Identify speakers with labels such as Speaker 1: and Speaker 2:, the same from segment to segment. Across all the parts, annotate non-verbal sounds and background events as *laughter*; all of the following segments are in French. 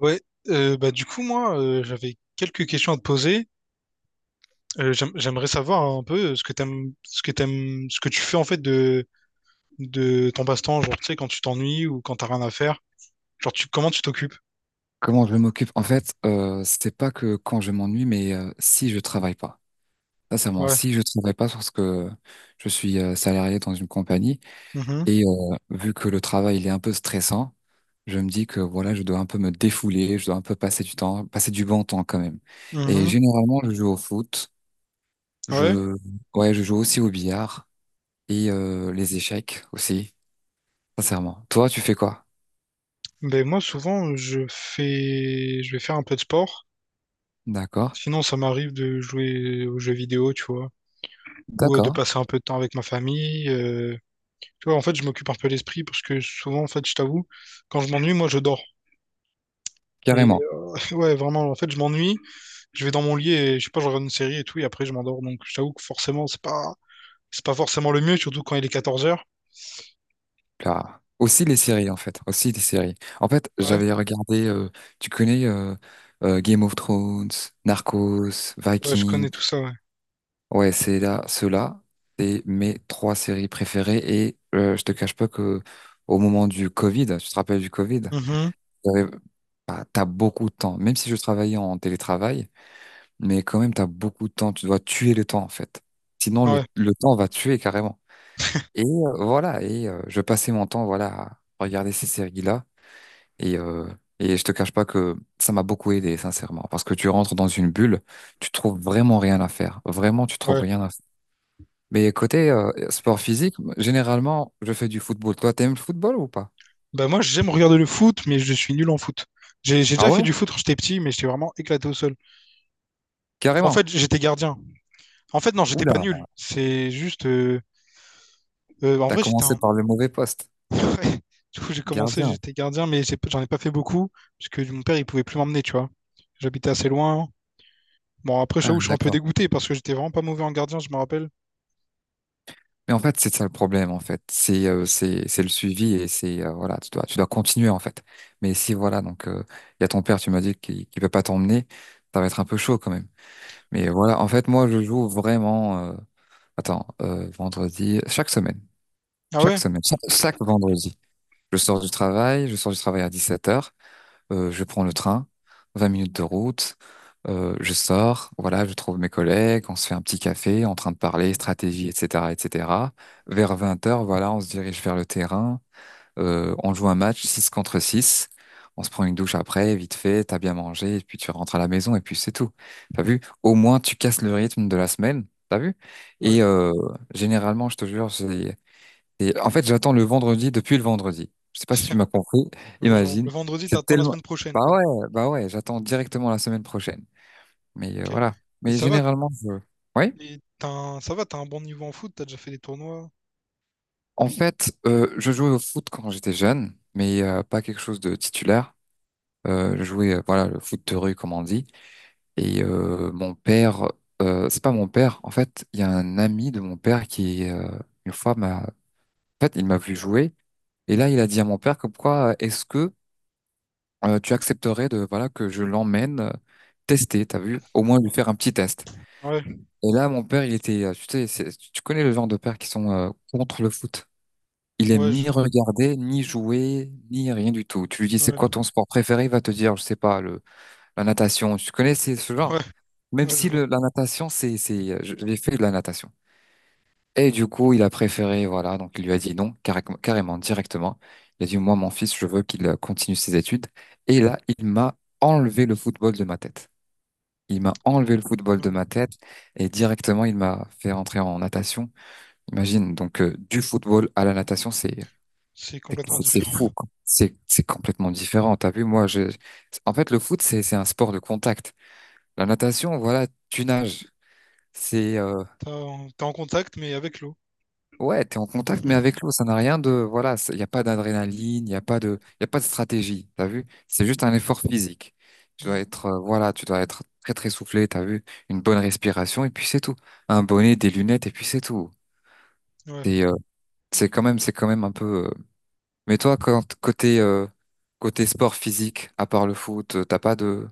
Speaker 1: Ouais, bah du coup moi j'avais quelques questions à te poser. J'aimerais savoir un peu ce que t'aimes, ce que t'aimes, ce que tu fais en fait de ton passe-temps, genre tu sais quand tu t'ennuies ou quand t'as rien à faire. Genre tu comment tu t'occupes?
Speaker 2: Comment je m'occupe? En fait, c'est pas que quand je m'ennuie, mais si je travaille pas. Sincèrement,
Speaker 1: Ouais.
Speaker 2: si je travaille pas, parce que je suis salarié dans une compagnie
Speaker 1: Mhm.
Speaker 2: et vu que le travail il est un peu stressant, je me dis que voilà, je dois un peu me défouler, je dois un peu passer du temps, passer du bon temps quand même. Et
Speaker 1: Mhm.
Speaker 2: généralement, je joue au foot,
Speaker 1: Ouais.
Speaker 2: je ouais, je joue aussi au billard et les échecs aussi. Sincèrement. Toi, tu fais quoi?
Speaker 1: Ben moi souvent je vais faire un peu de sport.
Speaker 2: D'accord.
Speaker 1: Sinon ça m'arrive de jouer aux jeux vidéo, tu vois, ou de
Speaker 2: D'accord.
Speaker 1: passer un peu de temps avec ma famille. Tu vois, en fait je m'occupe un peu l'esprit parce que souvent, en fait, je t'avoue, quand je m'ennuie moi je dors. Et
Speaker 2: Carrément.
Speaker 1: *laughs* ouais, vraiment, en fait, je m'ennuie, je vais dans mon lit et je sais pas, je regarde une série et tout, et après je m'endors. Donc je t'avoue que forcément, c'est pas forcément le mieux, surtout quand il est 14 heures.
Speaker 2: Là. Aussi les séries, en fait. Aussi les séries. En fait,
Speaker 1: Ouais,
Speaker 2: j'avais regardé, tu connais Game of Thrones, Narcos,
Speaker 1: ouais, je
Speaker 2: Vikings.
Speaker 1: connais tout ça, ouais.
Speaker 2: Ouais, c'est là, ceux-là, c'est mes trois séries préférées. Et je te cache pas que au moment du Covid, tu te rappelles du Covid,
Speaker 1: Mhm.
Speaker 2: j'avais- bah, t'as beaucoup de temps. Même si je travaillais en télétravail, mais quand même, t'as beaucoup de temps. Tu dois tuer le temps, en fait. Sinon, le,
Speaker 1: Ouais,
Speaker 2: le temps va te tuer carrément. Et voilà, et je passais mon temps voilà, à regarder ces séries-là. Et, euh, et je te cache pas que ça m'a beaucoup aidé, sincèrement, parce que tu rentres dans une bulle, tu trouves vraiment rien à faire. Vraiment, tu trouves
Speaker 1: ouais.
Speaker 2: rien à faire. Mais côté sport physique, généralement, je fais du football. Toi, t'aimes le football ou pas?
Speaker 1: Bah moi, j'aime regarder le foot, mais je suis nul en foot. J'ai
Speaker 2: Ah
Speaker 1: déjà
Speaker 2: ouais?
Speaker 1: fait du foot quand j'étais petit, mais j'étais vraiment éclaté au sol. En
Speaker 2: Carrément.
Speaker 1: fait, j'étais gardien. En fait, non, j'étais pas
Speaker 2: Oula,
Speaker 1: nul. C'est juste en
Speaker 2: t'as
Speaker 1: vrai, j'étais
Speaker 2: commencé
Speaker 1: un
Speaker 2: par le mauvais poste.
Speaker 1: *laughs* Ouais. Du coup, j'ai commencé,
Speaker 2: Gardien.
Speaker 1: j'étais gardien, mais j'en ai pas fait beaucoup, parce que mon père, il pouvait plus m'emmener, tu vois. J'habitais assez loin. Bon, après,
Speaker 2: Ah,
Speaker 1: j'avoue, je suis un peu
Speaker 2: d'accord.
Speaker 1: dégoûté parce que j'étais vraiment pas mauvais en gardien, je me rappelle.
Speaker 2: Mais en fait, c'est ça le problème, en fait. C'est le suivi et c'est voilà, tu dois continuer en fait. Mais si voilà, donc il y a ton père, tu m'as dit qu'il ne peut pas t'emmener, ça va être un peu chaud quand même. Mais voilà, en fait, moi, je joue vraiment. Attends, vendredi, chaque semaine.
Speaker 1: Ah
Speaker 2: Chaque
Speaker 1: ouais?
Speaker 2: semaine, chaque vendredi. Je sors du travail, je sors du travail à 17 heures, je prends le train, 20 minutes de route, je sors, voilà, je trouve mes collègues, on se fait un petit café, en train de parler
Speaker 1: Mhm.
Speaker 2: stratégie, etc., etc. Vers 20 heures, voilà, on se dirige vers le terrain, on joue un match 6 contre 6. On se prend une douche après, vite fait, t'as bien mangé, et puis tu rentres à la maison, et puis c'est tout. T'as vu? Au moins, tu casses le rythme de la semaine, t'as vu?
Speaker 1: Ouais.
Speaker 2: Et généralement, je te jure, j'ai... Et en fait, j'attends le vendredi depuis le vendredi. Je sais pas si tu
Speaker 1: *laughs*
Speaker 2: m'as compris, *laughs*
Speaker 1: Ouais, genre, le
Speaker 2: imagine.
Speaker 1: vendredi,
Speaker 2: C'est
Speaker 1: t'attends la
Speaker 2: tellement...
Speaker 1: semaine prochaine,
Speaker 2: Bah
Speaker 1: quoi.
Speaker 2: ouais, bah ouais, j'attends directement la semaine prochaine. Mais
Speaker 1: Ok.
Speaker 2: voilà.
Speaker 1: Et
Speaker 2: Mais
Speaker 1: ça va,
Speaker 2: généralement, je... Oui?
Speaker 1: et ça va, t'as un bon niveau en foot, t'as déjà fait des tournois.
Speaker 2: En fait, je jouais au foot quand j'étais jeune, mais pas quelque chose de titulaire. Je jouais voilà, le foot de rue comme on dit. Et mon père c'est pas mon père, en fait il y a un ami de mon père qui une fois m'a, en fait il m'a vu jouer, et là il a dit à mon père comme quoi est-ce que tu accepterais de voilà que je l'emmène tester, t'as vu, au moins lui faire un petit test.
Speaker 1: Ouais,
Speaker 2: Et là mon père il était tu sais tu connais le genre de pères qui sont contre le foot. Il aime ni
Speaker 1: ouais,
Speaker 2: regarder, ni jouer, ni rien du tout. Tu lui dis c'est quoi ton sport préféré, il va te dire, je sais pas, la natation, tu connais c'est ce
Speaker 1: ouais,
Speaker 2: genre? Même
Speaker 1: ouais, je
Speaker 2: si
Speaker 1: vois.
Speaker 2: la natation, c'est, j'ai fait de la natation. Et du coup, il a préféré, voilà, donc il lui a dit non, carrément, directement. Il a dit, moi, mon fils, je veux qu'il continue ses études. Et là, il m'a enlevé le football de ma tête. Il m'a enlevé le football de
Speaker 1: Putain.
Speaker 2: ma tête et directement, il m'a fait rentrer en natation. Imagine, donc, du football à la natation, c'est,
Speaker 1: C'est
Speaker 2: c'est
Speaker 1: complètement
Speaker 2: c'est
Speaker 1: différent.
Speaker 2: fou, quoi. C'est complètement différent. T'as vu, moi, en fait, le foot, c'est un sport de contact. La natation, voilà, tu nages. C'est
Speaker 1: T'es en contact, mais avec l'eau.
Speaker 2: ouais, t'es en contact, mais avec
Speaker 1: *laughs*
Speaker 2: l'eau, ça n'a rien de voilà, il n'y a pas d'adrénaline, il n'y a pas de, y a pas de stratégie, t'as vu? C'est juste un effort physique. Tu dois
Speaker 1: Mm.
Speaker 2: être voilà, tu dois être très très soufflé, t'as vu? Une bonne respiration et puis c'est tout. Un bonnet, des lunettes et puis c'est tout.
Speaker 1: Ouais.
Speaker 2: C'est euh, c'est quand même un peu. Mais toi, quand, côté sport physique, à part le foot, t'as pas de...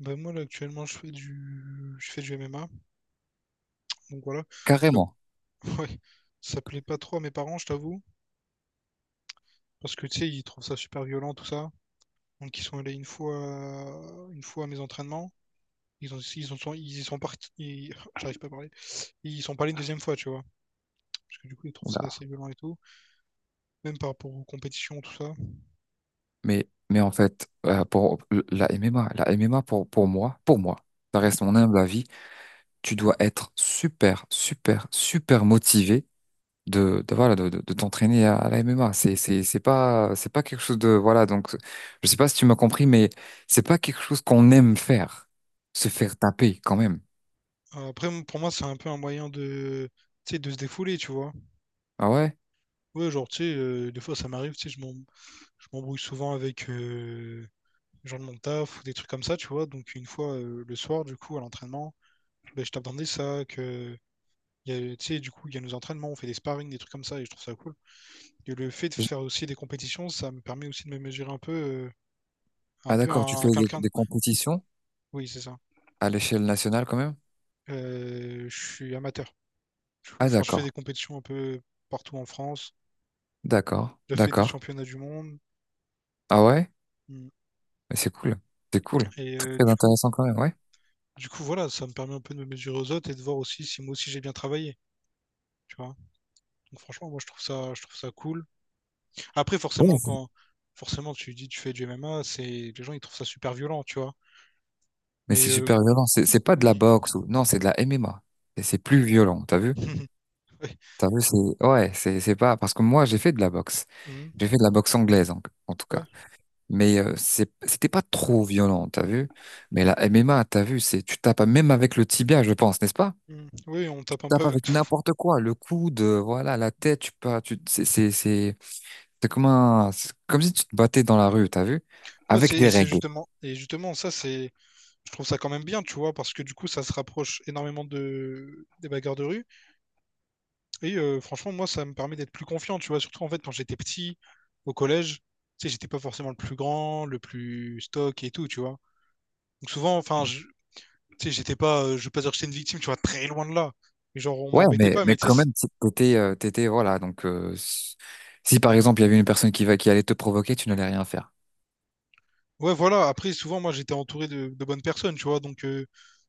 Speaker 1: Ben moi, là, actuellement, je fais du MMA. Donc voilà. Je
Speaker 2: Carrément.
Speaker 1: *laughs* Ouais. Ça plaît pas trop à mes parents, je t'avoue. Parce que, tu sais, ils trouvent ça super violent, tout ça. Donc, ils sont allés une fois à mes entraînements. Ils y sont partis. *laughs* J'arrive pas à parler. Ils sont pas allés une deuxième fois, tu vois. Parce que du coup, ils trouvent
Speaker 2: Oula.
Speaker 1: ça assez violent et tout. Même par rapport aux compétitions, tout ça.
Speaker 2: Mais en fait, pour la MMA, la MMA pour moi, ça
Speaker 1: Mm.
Speaker 2: reste mon humble avis, tu dois être super, super, super motivé de, voilà, de t'entraîner à la MMA. C'est pas quelque chose de, voilà, donc, je sais pas si tu m'as compris, mais c'est pas quelque chose qu'on aime faire, se faire taper quand même.
Speaker 1: Après, pour moi, c'est un peu un moyen de, tu sais, de se défouler, tu vois.
Speaker 2: Ah ouais?
Speaker 1: Ouais, genre, tu sais, des fois, ça m'arrive, tu sais, je m'embrouille souvent avec les gens de mon taf ou des trucs comme ça, tu vois. Donc une fois le soir, du coup, à l'entraînement, ben, je t'attendais ça, que il y a, tu sais, du coup, il y a nos entraînements, on fait des sparring, des trucs comme ça, et je trouve ça cool. Et le fait de
Speaker 2: Je-
Speaker 1: faire aussi des compétitions, ça me permet aussi de me mesurer un peu,
Speaker 2: Ah d'accord, tu fais
Speaker 1: à
Speaker 2: des,
Speaker 1: quelqu'un
Speaker 2: des
Speaker 1: d'autre.
Speaker 2: compétitions
Speaker 1: Oui, c'est ça.
Speaker 2: à l'échelle nationale quand même?
Speaker 1: Je suis amateur. Du coup,
Speaker 2: Ah
Speaker 1: enfin, je fais
Speaker 2: d'accord,
Speaker 1: des compétitions un peu partout en France.
Speaker 2: d'accord,
Speaker 1: J'ai fait des
Speaker 2: d'accord.
Speaker 1: championnats du monde.
Speaker 2: Ah ouais?
Speaker 1: Mm.
Speaker 2: Mais c'est cool, c'est cool.
Speaker 1: Et
Speaker 2: Très
Speaker 1: du coup,
Speaker 2: intéressant quand même, ouais.
Speaker 1: voilà, ça me permet un peu de me mesurer aux autres et de voir aussi si moi aussi j'ai bien travaillé. Tu vois. Donc franchement, moi je trouve ça cool. Après,
Speaker 2: Ouais,
Speaker 1: forcément, quand forcément tu dis tu fais du MMA, c'est les gens ils trouvent ça super violent, tu vois.
Speaker 2: mais
Speaker 1: Mais
Speaker 2: c'est super violent. C'est pas de la
Speaker 1: oui.
Speaker 2: boxe ou non, c'est de la MMA. Et c'est plus violent. T'as vu?
Speaker 1: *laughs* Ouais.
Speaker 2: T'as vu? C'est ouais, c'est pas parce que moi j'ai fait de la boxe.
Speaker 1: Mhm.
Speaker 2: J'ai fait de la boxe anglaise en tout
Speaker 1: Ouais.
Speaker 2: cas. Mais c'était pas trop violent. T'as vu? Mais la MMA, t'as vu? C'est tu tapes même avec le tibia, je pense, n'est-ce pas?
Speaker 1: Mhm. Oui, on
Speaker 2: Tu
Speaker 1: tape un peu
Speaker 2: tapes
Speaker 1: avec
Speaker 2: avec
Speaker 1: tout.
Speaker 2: n'importe quoi, le coude, voilà, la tête. Tu peux, tu c'est comme un c'est comme si tu te battais dans la rue. T'as vu?
Speaker 1: Ouais,
Speaker 2: Avec
Speaker 1: c'est
Speaker 2: des
Speaker 1: et c'est
Speaker 2: règles.
Speaker 1: justement Et justement ça c'est je trouve ça quand même bien, tu vois, parce que du coup ça se rapproche énormément de des bagarres de rue et franchement moi ça me permet d'être plus confiant, tu vois, surtout en fait quand j'étais petit au collège, tu sais j'étais pas forcément le plus grand, le plus stock et tout, tu vois. Donc souvent, tu sais, j'étais pas, je veux pas dire que j'étais une victime, tu vois, très loin de là. Mais genre, on
Speaker 2: Ouais,
Speaker 1: m'embêtait
Speaker 2: mais,
Speaker 1: pas,
Speaker 2: mais
Speaker 1: mais tu sais,
Speaker 2: quand
Speaker 1: c'est-
Speaker 2: même, t'étais, voilà, donc, si par exemple, il y avait une personne qui allait te provoquer, tu n'allais rien faire.
Speaker 1: ouais, voilà. Après, souvent, moi, j'étais entouré de bonnes personnes, tu vois, donc,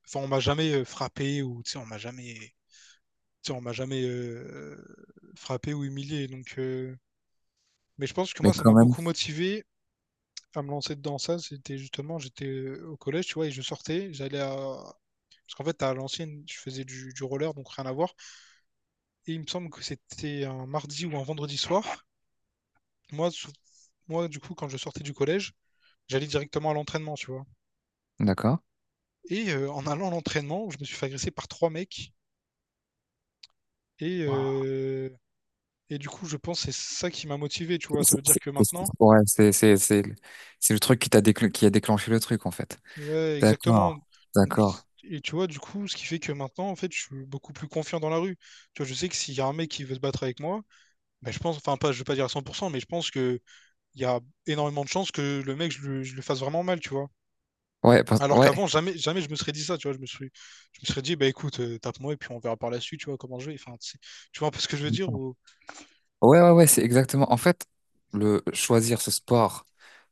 Speaker 1: enfin, on m'a jamais frappé ou, tu sais, on m'a jamais frappé ou humilié. Donc, mais je pense que
Speaker 2: Mais
Speaker 1: moi, ça m'a
Speaker 2: quand même,
Speaker 1: beaucoup motivé à me lancer dedans. Ça, c'était justement, j'étais au collège, tu vois, et je sortais, parce qu'en fait, à l'ancienne, je faisais du roller, donc rien à voir. Et il me semble que c'était un mardi ou un vendredi soir. Moi, sou- moi, du coup, quand je sortais du collège, j'allais directement à l'entraînement, tu vois.
Speaker 2: d'accord?
Speaker 1: Et en allant à l'entraînement, je me suis fait agresser par trois mecs. Et,
Speaker 2: Wow.
Speaker 1: euh, et du coup, je pense que c'est ça qui m'a motivé, tu vois. Ça veut dire que maintenant,
Speaker 2: Ouais, c'est le truc qui a déclenché le truc, en fait.
Speaker 1: ouais, exactement.
Speaker 2: D'accord,
Speaker 1: Donc,
Speaker 2: d'accord.
Speaker 1: et tu vois, du coup, ce qui fait que maintenant, en fait, je suis beaucoup plus confiant dans la rue. Tu vois, je sais que s'il y a un mec qui veut se battre avec moi, ben, je pense, enfin, pas, je vais pas dire à 100%, mais je pense qu'il y a énormément de chances que le mec, je le fasse vraiment mal, tu vois.
Speaker 2: Ouais,
Speaker 1: Alors
Speaker 2: ouais.
Speaker 1: qu'avant, jamais, jamais je me serais dit ça, tu vois. Je me serais dit, bah écoute, tape-moi et puis on verra par la suite, tu vois, comment je vais. Tu vois un peu ce que je veux dire ou...
Speaker 2: Ouais, ouais, ouais, c'est exactement. En fait, le choisir ce sport,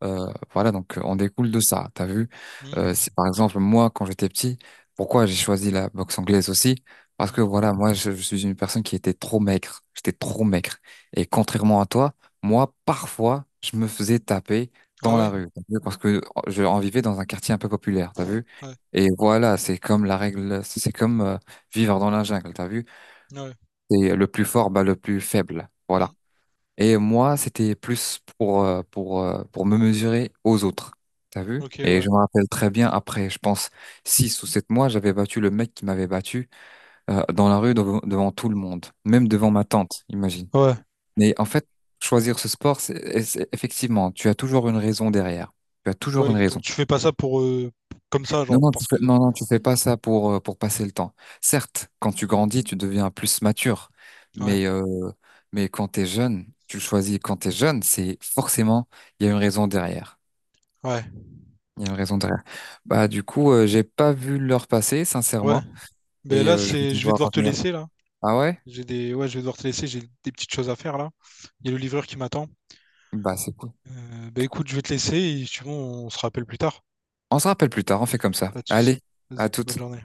Speaker 2: euh, voilà, donc on découle de ça. T'as vu? Euh,
Speaker 1: Hmm,
Speaker 2: si par exemple moi, quand j'étais petit, pourquoi j'ai choisi la boxe anglaise aussi? Parce que
Speaker 1: hmm.
Speaker 2: voilà, moi, je suis une personne qui était trop maigre. J'étais trop maigre. Et contrairement à toi, moi, parfois, je me faisais taper
Speaker 1: Ah
Speaker 2: dans la
Speaker 1: ouais?
Speaker 2: rue. T'as vu? Parce que je en vivais dans un quartier un peu populaire. T'as vu?
Speaker 1: Ouais.
Speaker 2: Et voilà, c'est comme la règle, c'est comme vivre dans la jungle. T'as vu?
Speaker 1: Ouais.
Speaker 2: C'est le plus fort, bah, le plus faible.
Speaker 1: Hmm.
Speaker 2: Voilà. Et moi, c'était plus pour, pour me mesurer aux autres. T'as vu?
Speaker 1: Ok,
Speaker 2: Et
Speaker 1: ouais.
Speaker 2: je me rappelle très bien, après, je pense, 6 ou 7 mois, j'avais battu le mec qui m'avait battu dans la rue devant, tout le monde, même devant ma tante, imagine.
Speaker 1: Ouais.
Speaker 2: Mais en fait, choisir ce sport, effectivement, tu as toujours une raison derrière. Tu as toujours
Speaker 1: Ouais,
Speaker 2: une
Speaker 1: exactement.
Speaker 2: raison.
Speaker 1: Tu fais pas ça pour... comme ça,
Speaker 2: Non,
Speaker 1: genre,
Speaker 2: non, tu
Speaker 1: parce
Speaker 2: fais,
Speaker 1: que...
Speaker 2: non, non, tu fais pas ça pour passer le temps. Certes, quand tu
Speaker 1: Hmm.
Speaker 2: grandis, tu deviens plus mature,
Speaker 1: Ouais,
Speaker 2: mais, euh, mais quand t'es jeune, tu le choisis quand t'es jeune, c'est forcément, il y a une raison derrière.
Speaker 1: ouais,
Speaker 2: Il y a une raison derrière. Bah, du coup, j'ai pas vu l'heure passer,
Speaker 1: ouais.
Speaker 2: sincèrement,
Speaker 1: Ben
Speaker 2: et
Speaker 1: là,
Speaker 2: je vais
Speaker 1: c'est... Je vais
Speaker 2: devoir
Speaker 1: devoir te
Speaker 2: revenir.
Speaker 1: laisser, là.
Speaker 2: Ah ouais?
Speaker 1: J'ai des... Ouais, je vais devoir te laisser, j'ai des petites choses à faire, là. Il y a le livreur qui m'attend.
Speaker 2: Bah, c'est cool.
Speaker 1: Ben écoute, je vais te laisser et si tu veux, on se rappelle plus tard.
Speaker 2: On se rappelle plus tard, on fait comme ça.
Speaker 1: Pas de souci.
Speaker 2: Allez,
Speaker 1: Vas-y,
Speaker 2: à
Speaker 1: bonne
Speaker 2: toute.
Speaker 1: journée.